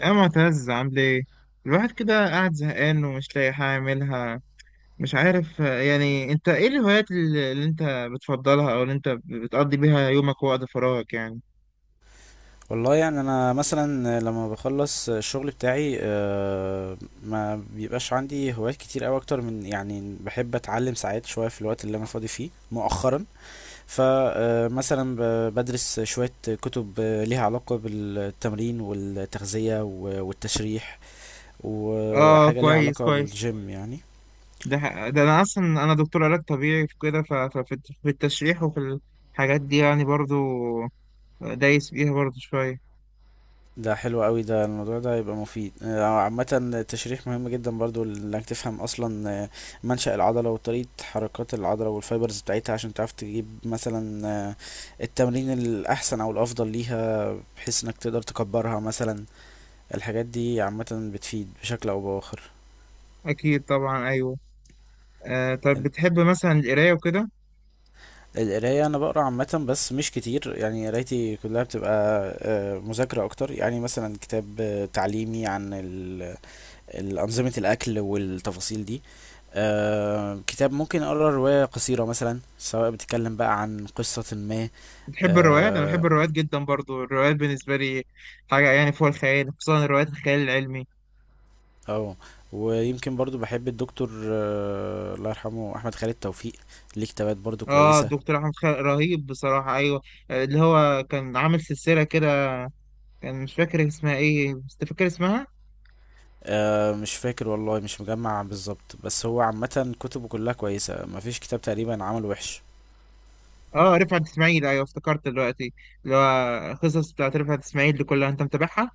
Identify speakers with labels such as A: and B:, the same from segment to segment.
A: يا معتز، عامل ايه؟ الواحد كده قاعد زهقان ومش لاقي حاجة يعملها. مش عارف. يعني انت ايه الهوايات اللي انت بتفضلها او اللي انت بتقضي بيها يومك ووقت فراغك يعني؟
B: والله يعني انا مثلا لما بخلص الشغل بتاعي، ما بيبقاش عندي هوايات كتير قوي اكتر من، يعني بحب اتعلم ساعات شويه في الوقت اللي انا فاضي فيه مؤخرا. فمثلا بدرس شويه كتب ليها علاقه بالتمرين والتغذيه و- والتشريح،
A: اه،
B: وحاجه ليها
A: كويس
B: علاقه
A: كويس.
B: بالجيم يعني.
A: ده انا اصلا انا دكتور علاج طبيعي في كده، ففي في التشريح وفي الحاجات دي يعني، برضو دايس فيها برضو شوية.
B: ده حلو قوي، ده الموضوع ده هيبقى مفيد عامة التشريح مهم جدا برضو انك تفهم اصلا منشأ العضلة وطريقة حركات العضلة والفايبرز بتاعتها، عشان تعرف تجيب مثلا التمرين الاحسن او الافضل ليها، بحيث انك تقدر تكبرها مثلا. الحاجات دي عامة بتفيد بشكل او باخر.
A: اكيد طبعا، ايوه. طب بتحب مثلا القراية وكده؟
B: القراية أنا بقرا عامة بس مش كتير، يعني قرايتي كلها بتبقى مذاكرة أكتر، يعني مثلا كتاب تعليمي عن الأنظمة الأكل والتفاصيل دي. آه، كتاب ممكن اقرا روايه قصيره مثلا، سواء بتتكلم بقى عن قصه ما.
A: بتحب الروايات؟ انا
B: آه
A: بحب الروايات جدا برضو. الروايات بالنسبه لي حاجه يعني فوق الخيال، خصوصا الروايات الخيال العلمي.
B: او ويمكن برضو بحب الدكتور الله يرحمه احمد خالد توفيق، ليه كتابات برضو
A: اه،
B: كويسه.
A: الدكتور احمد خالد رهيب بصراحه، ايوه. اللي هو كان عامل سلسله كده، كان مش فاكر اسمها ايه بس فاكر اسمها.
B: مش فاكر والله، مش مجمع بالظبط، بس هو عامه كتبه كلها كويسه، مفيش كتاب تقريبا عمل وحش.
A: اه، رفعت اسماعيل، ايوه، افتكرت دلوقتي. اللي هو قصص بتاعت رفعت اسماعيل دي كلها انت متابعها؟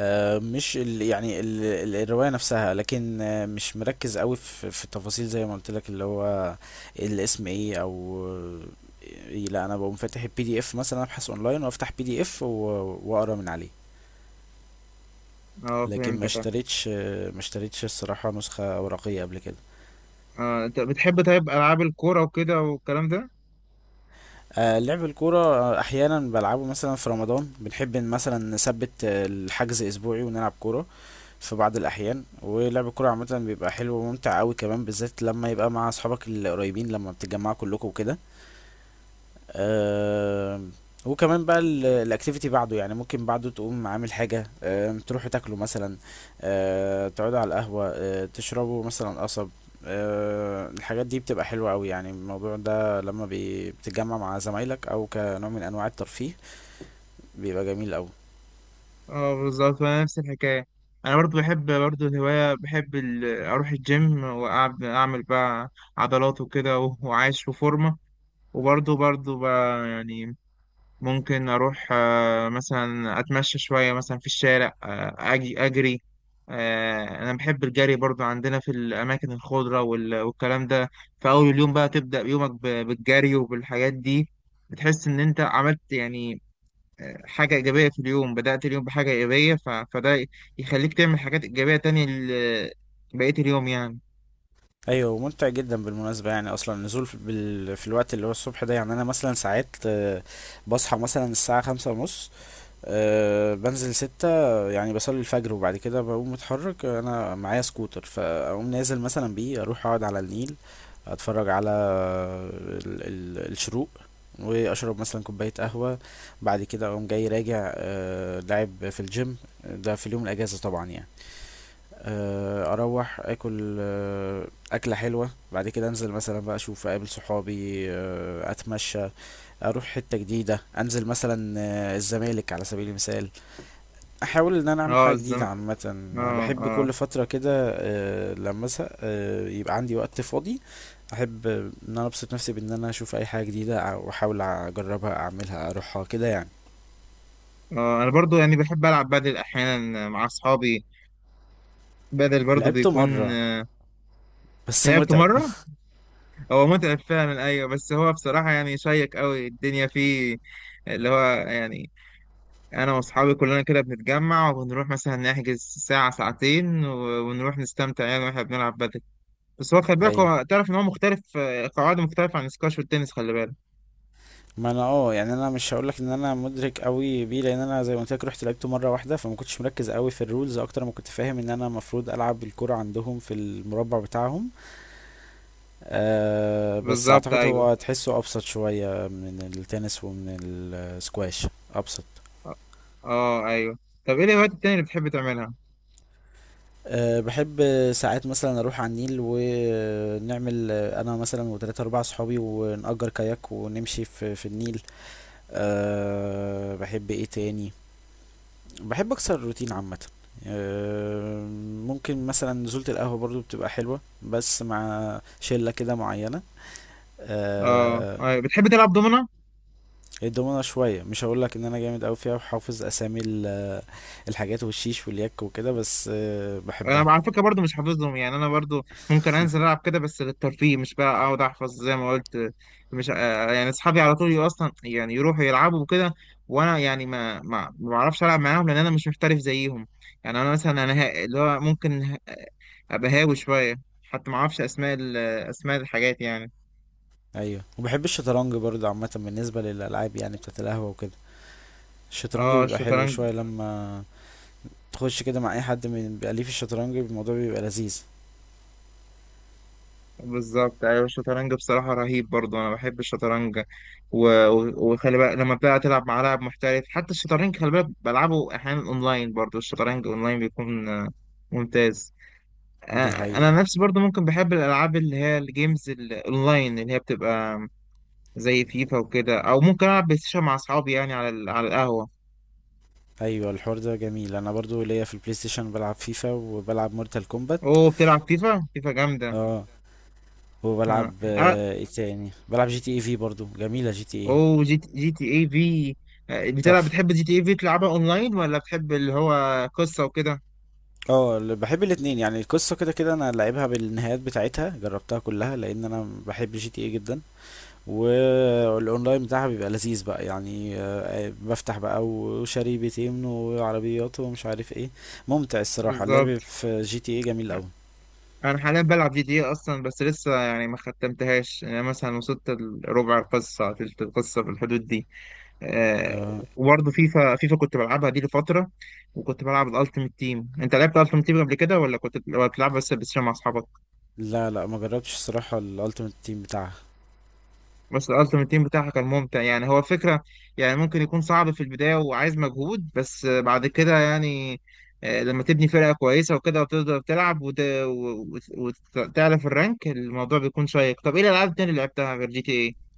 B: مش ال يعني ال ال- الرواية نفسها، لكن مش مركز قوي في التفاصيل زي ما قلت لك، اللي هو الاسم ايه، او إيه. لا انا بقوم فاتح الPDF مثلا، ابحث اونلاين وافتح PDF و- واقرا من عليه.
A: اه،
B: لكن
A: فهمتك، اه.
B: ما اشتريتش الصراحة نسخة ورقية قبل كده.
A: انت بتحب طيب العاب الكوره وكده والكلام ده؟
B: لعب الكورة احيانا بلعبه، مثلا في رمضان بنحب إن مثلا نثبت الحجز اسبوعي ونلعب كورة في بعض الأحيان. ولعب الكورة عامة بيبقى حلو وممتع أوي كمان، بالذات لما يبقى مع أصحابك القريبين لما بتتجمعوا كلكم وكده. آه وكمان بقى الأكتيفيتي بعده، يعني ممكن بعده تقوم عامل حاجة، تروحوا تاكلوا مثلا، تقعدوا على القهوة، تشربوا مثلا قصب. الحاجات دي بتبقى حلوة أوي، يعني الموضوع ده لما بتتجمع مع زمايلك، أو كنوع من أنواع الترفيه بيبقى جميل أوي.
A: اه، بالظبط. وانا نفس الحكايه، انا برضو بحب، برضو الهوايه، بحب اروح الجيم، واعمل، بقى عضلات وكده، وعايش وفورمه. وبرضو بقى، يعني ممكن اروح مثلا اتمشى شويه، مثلا في الشارع، اجري. انا بحب الجري برضو، عندنا في الاماكن الخضره والكلام ده. في اول اليوم بقى تبدا يومك بالجري وبالحاجات دي، بتحس ان انت عملت يعني حاجة إيجابية في اليوم. بدأت اليوم بحاجة إيجابية، فده يخليك تعمل حاجات إيجابية تانية بقية اليوم يعني.
B: ايوه ممتع جدا بالمناسبه، يعني اصلا النزول في الوقت اللي هو الصبح ده، يعني انا مثلا ساعات بصحى مثلا الساعه 5:30، بنزل 6، يعني بصلي الفجر وبعد كده بقوم متحرك. انا معايا سكوتر فاقوم نازل مثلا بيه، اروح اقعد على النيل اتفرج على الشروق، واشرب مثلا كوبايه قهوه. بعد كده اقوم جاي راجع لاعب في الجيم، ده في اليوم الاجازه طبعا يعني. اروح اكل اكله حلوه، بعد كده انزل مثلا بقى اشوف اقابل صحابي، اتمشى، اروح حته جديده، انزل مثلا الزمالك على سبيل المثال. احاول ان انا اعمل
A: اه،
B: حاجه جديده عامه،
A: اه،
B: بحب
A: اه.
B: كل فتره كده لما ازهق يبقى عندي وقت فاضي، احب ان انا ابسط نفسي بان انا اشوف اي حاجه جديده واحاول اجربها، اعملها، اروحها كده يعني.
A: اه، أنا برضو يعني بحب ألعب بدل أحيانا مع أصحابي، بدل برضو
B: لعبته
A: بيكون.
B: مره بس
A: لعبت
B: متعب.
A: مرة، هو متعب فعلا، أيوة. بس هو بصراحة يعني شيق أوي، الدنيا فيه اللي هو يعني. أنا وأصحابي كلنا كده بنتجمع وبنروح مثلا نحجز ساعة ساعتين، ونروح نستمتع يعني وإحنا بنلعب بدل. بس هو خلي بالك،
B: ايوه،
A: هو تعرف ان هو مختلف، قواعده مختلفه عن السكواش والتنس، خلي بالك.
B: ما انا يعني انا مش هقولك ان انا مدرك قوي بيه، لان انا زي ما قلت لك رحت لعبته مره واحده، فما كنتش مركز قوي في الرولز اكتر ما كنت فاهم ان انا المفروض العب الكرة عندهم في المربع بتاعهم. بس
A: بالظبط،
B: اعتقد
A: ايوه.
B: هو تحسه ابسط شويه من التنس ومن السكواش، ابسط.
A: اه، آه، ايوه. طب ايه الهوايات التانية اللي بتحب تعملها؟
B: بحب ساعات مثلا اروح على النيل، ونعمل انا مثلا وثلاثة اربعة صحابي ونأجر كاياك ونمشي في النيل. بحب ايه تاني، بحب اكسر الروتين عامه. آه، ممكن مثلا نزولة القهوة برضو بتبقى حلوة، بس مع شلة كده معينة.
A: اه،
B: آه،
A: بتحب تلعب دومنة؟
B: الدومنة شوية، مش هقولك ان انا جامد اوي فيها وحافظ اسامي الحاجات والشيش واليك وكده، بس بحبها.
A: انا على فكره برضو مش حافظهم، يعني انا برضو ممكن انزل العب كده بس للترفيه، مش بقى اقعد احفظ زي ما قلت. مش، يعني اصحابي على طول اصلا يعني يروحوا يلعبوا وكده، وانا يعني ما بعرفش العب معاهم لان انا مش محترف زيهم. يعني انا مثلا انا اللي هو ممكن ابقى هاوي شويه، حتى ما اعرفش اسماء اسماء الحاجات يعني.
B: ايوه، وبحب الشطرنج برضو عامة بالنسبة للألعاب يعني بتاعت القهوة وكده. الشطرنج
A: اه،
B: بيبقى حلو
A: الشطرنج.
B: شوية لما تخش كده مع اي حد من بيبقى ليه في الشطرنج، الموضوع بيبقى لذيذ.
A: بالظبط، ايوه. الشطرنج بصراحه رهيب برضو، انا بحب الشطرنج. وخلي بالك لما بقى تلعب مع لاعب محترف، حتى الشطرنج خلي بالك، بلعبه احيانا اونلاين، برضو الشطرنج اونلاين بيكون ممتاز. آه،
B: دي حقيقة.
A: انا نفسي برضو ممكن بحب الالعاب اللي هي الجيمز الاونلاين، اللي هي بتبقى زي فيفا وكده، او ممكن العب بلاي ستيشن مع اصحابي، يعني على على القهوه.
B: ايوه الحوار ده جميل، انا برضو ليا في البلاي ستيشن، بلعب فيفا وبلعب مورتال كومبات.
A: اوه، بتلعب فيفا؟ فيفا جامده!
B: اه وبلعب
A: آه.
B: ايه تاني، بلعب GTA V برضو جميله GTA،
A: اوه، جي تي اي في.
B: تحفه.
A: بتحب جي تي اي في؟ تلعبها اونلاين ولا بتحب اللي هو قصة وكده؟
B: اه، بحب الاتنين، يعني القصه كده كده انا لعبها بالنهايات بتاعتها، جربتها كلها لان انا بحب GTA جدا. والاونلاين بتاعها بيبقى لذيذ بقى يعني، بفتح بقى وشاري بيتين وعربيات ومش عارف ايه. ممتع الصراحه، اللعب
A: بالظبط.
B: في GTA جميل قوي.
A: انا حاليا بلعب جي تي اي اصلا، بس لسه يعني ما ختمتهاش. يعني انا مثلا وصلت ربع القصة، تلت القصة في الحدود دي.
B: آه
A: وبرضه فيفا، فيفا كنت بلعبها دي لفترة، وكنت بلعب الالتيميت تيم. انت لعبت الالتيميت تيم قبل كده ولا كنت بتلعب بس مع اصحابك؟
B: لا لا، ما جربتش الصراحه الالتيميت تيم بتاعها.
A: بس الالتيميت تيم بتاعها كان ممتع، يعني هو فكرة، يعني ممكن يكون صعب في البداية وعايز مجهود، بس بعد كده يعني لما تبني فرقة كويسة وكده، وتقدر تلعب وتعلى في الرانك، الموضوع بيكون شيق. طب ايه الالعاب التانية اللي لعبتها غير جي تي ايه؟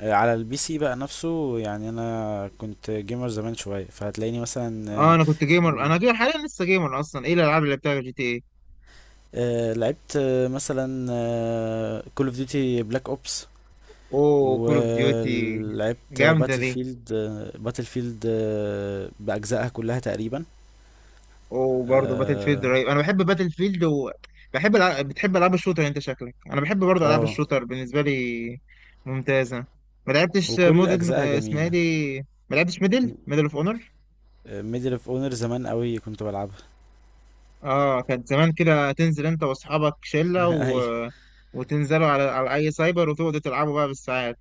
B: على الPC بقى نفسه، يعني انا كنت جيمر زمان شويه، فهتلاقيني مثلا
A: اه، انا كنت جيمر،
B: مم،
A: انا جيمر حاليا لسه، جيمر اصلا. ايه الالعاب اللي لعبتها غير جي تي ايه؟
B: لعبت مثلا كول اوف ديوتي بلاك اوبس،
A: اوه، كول اوف ديوتي!
B: ولعبت
A: جامدة
B: باتل
A: دي.
B: فيلد. باتل فيلد باجزائها كلها تقريبا.
A: وبرضه باتل فيلد
B: اه
A: رهيب، انا بحب باتل فيلد، وبحب بتحب العاب الشوتر انت، شكلك انا بحب برضه العاب
B: آه،
A: الشوتر، بالنسبه لي ممتازه. ما لعبتش
B: وكل
A: مود
B: اجزائها
A: اسمها إيه
B: جميله.
A: دي، ما لعبتش ميدل اوف اونر؟
B: ميدل اوف اونر زمان قوي كنت بلعبها.
A: اه، كانت زمان كده تنزل انت واصحابك شله،
B: ايوه،
A: وتنزلوا على اي سايبر وتقعدوا تلعبوا بقى بالساعات.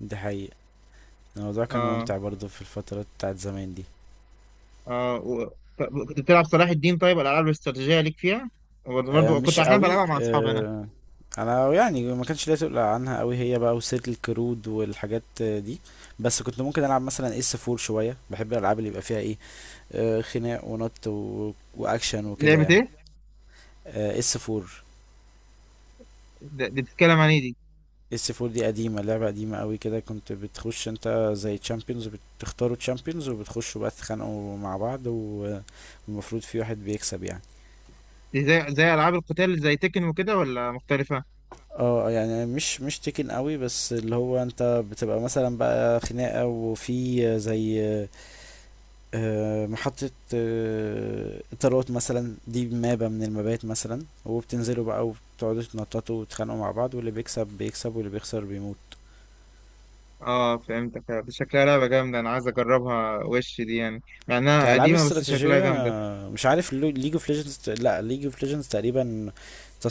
B: دي حقيقة، الموضوع كان
A: اه.
B: ممتع برضو في الفترة بتاعت زمان دي.
A: اه، كنت بتلعب صلاح الدين؟ طيب الالعاب الاستراتيجيه ليك فيها، برضه كنت
B: مش
A: احيانا
B: قوي،
A: بلعبها مع اصحابي انا.
B: انا يعني ما كانش ليا تقول عنها قوي هي بقى، وسيرة الكرود والحاجات دي. بس كنت ممكن العب مثلا S4 شويه، بحب الالعاب اللي يبقى فيها ايه، خناق ونط واكشن وكده
A: لعبه
B: يعني.
A: ايه؟
B: S4.
A: دي بتتكلم عن ايه دي؟
B: اس 4 دي قديمه، لعبه قديمه قوي كده، كنت بتخش انت زي تشامبيونز، بتختاروا تشامبيونز وبتخشوا بقى تتخانقوا مع بعض، والمفروض في واحد بيكسب يعني.
A: دي زي العاب القتال زي تكن وكده، ولا مختلفه؟
B: اه يعني مش تكن قوي، بس اللي هو انت بتبقى مثلا بقى خناقة، وفي زي محطة طيارات مثلا، دي مابة من المبات مثلا، وبتنزلوا بقى وبتقعدوا تنططوا وتتخانقوا مع بعض، واللي بيكسب بيكسب واللي بيخسر بيموت.
A: اه، فهمتك. دي شكلها لعبه جامده، انا عايز اجربها وش دي، يعني مع انها
B: كألعاب
A: قديمه بس شكلها
B: استراتيجية
A: جامده.
B: مش عارف، ليج اوف ليجندز، لا ليج اوف ليجندز تقريبا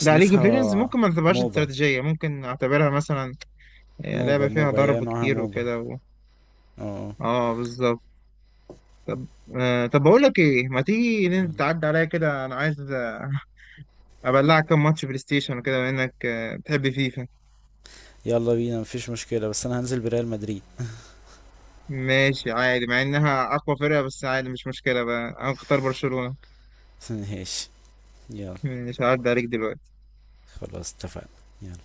A: لا، ليج اوف ليجندز ممكن ما تعتبرهاش
B: موبا.
A: استراتيجيه، ممكن اعتبرها مثلا لعبه
B: موبا
A: فيها
B: موبا هي
A: ضرب
B: نوعها
A: كتير
B: موبا.
A: وكده و...
B: اه.
A: اه، بالظبط. طب، طب بقول لك ايه، ما تيجي
B: آه.
A: تعدي عليا كده، انا عايز ابلعك كام ماتش بلاي ستيشن وكده، بما انك بتحب فيفا.
B: يلا بينا، مفيش مشكلة، بس انا هنزل بريال مدريد.
A: ماشي عادي، مع انها اقوى فرقه، بس عادي مش مشكله بقى، انا اختار برشلونه.
B: ايش. يلا.
A: مش هعدي عليك دلوقتي.
B: خلاص اتفقنا. يلا.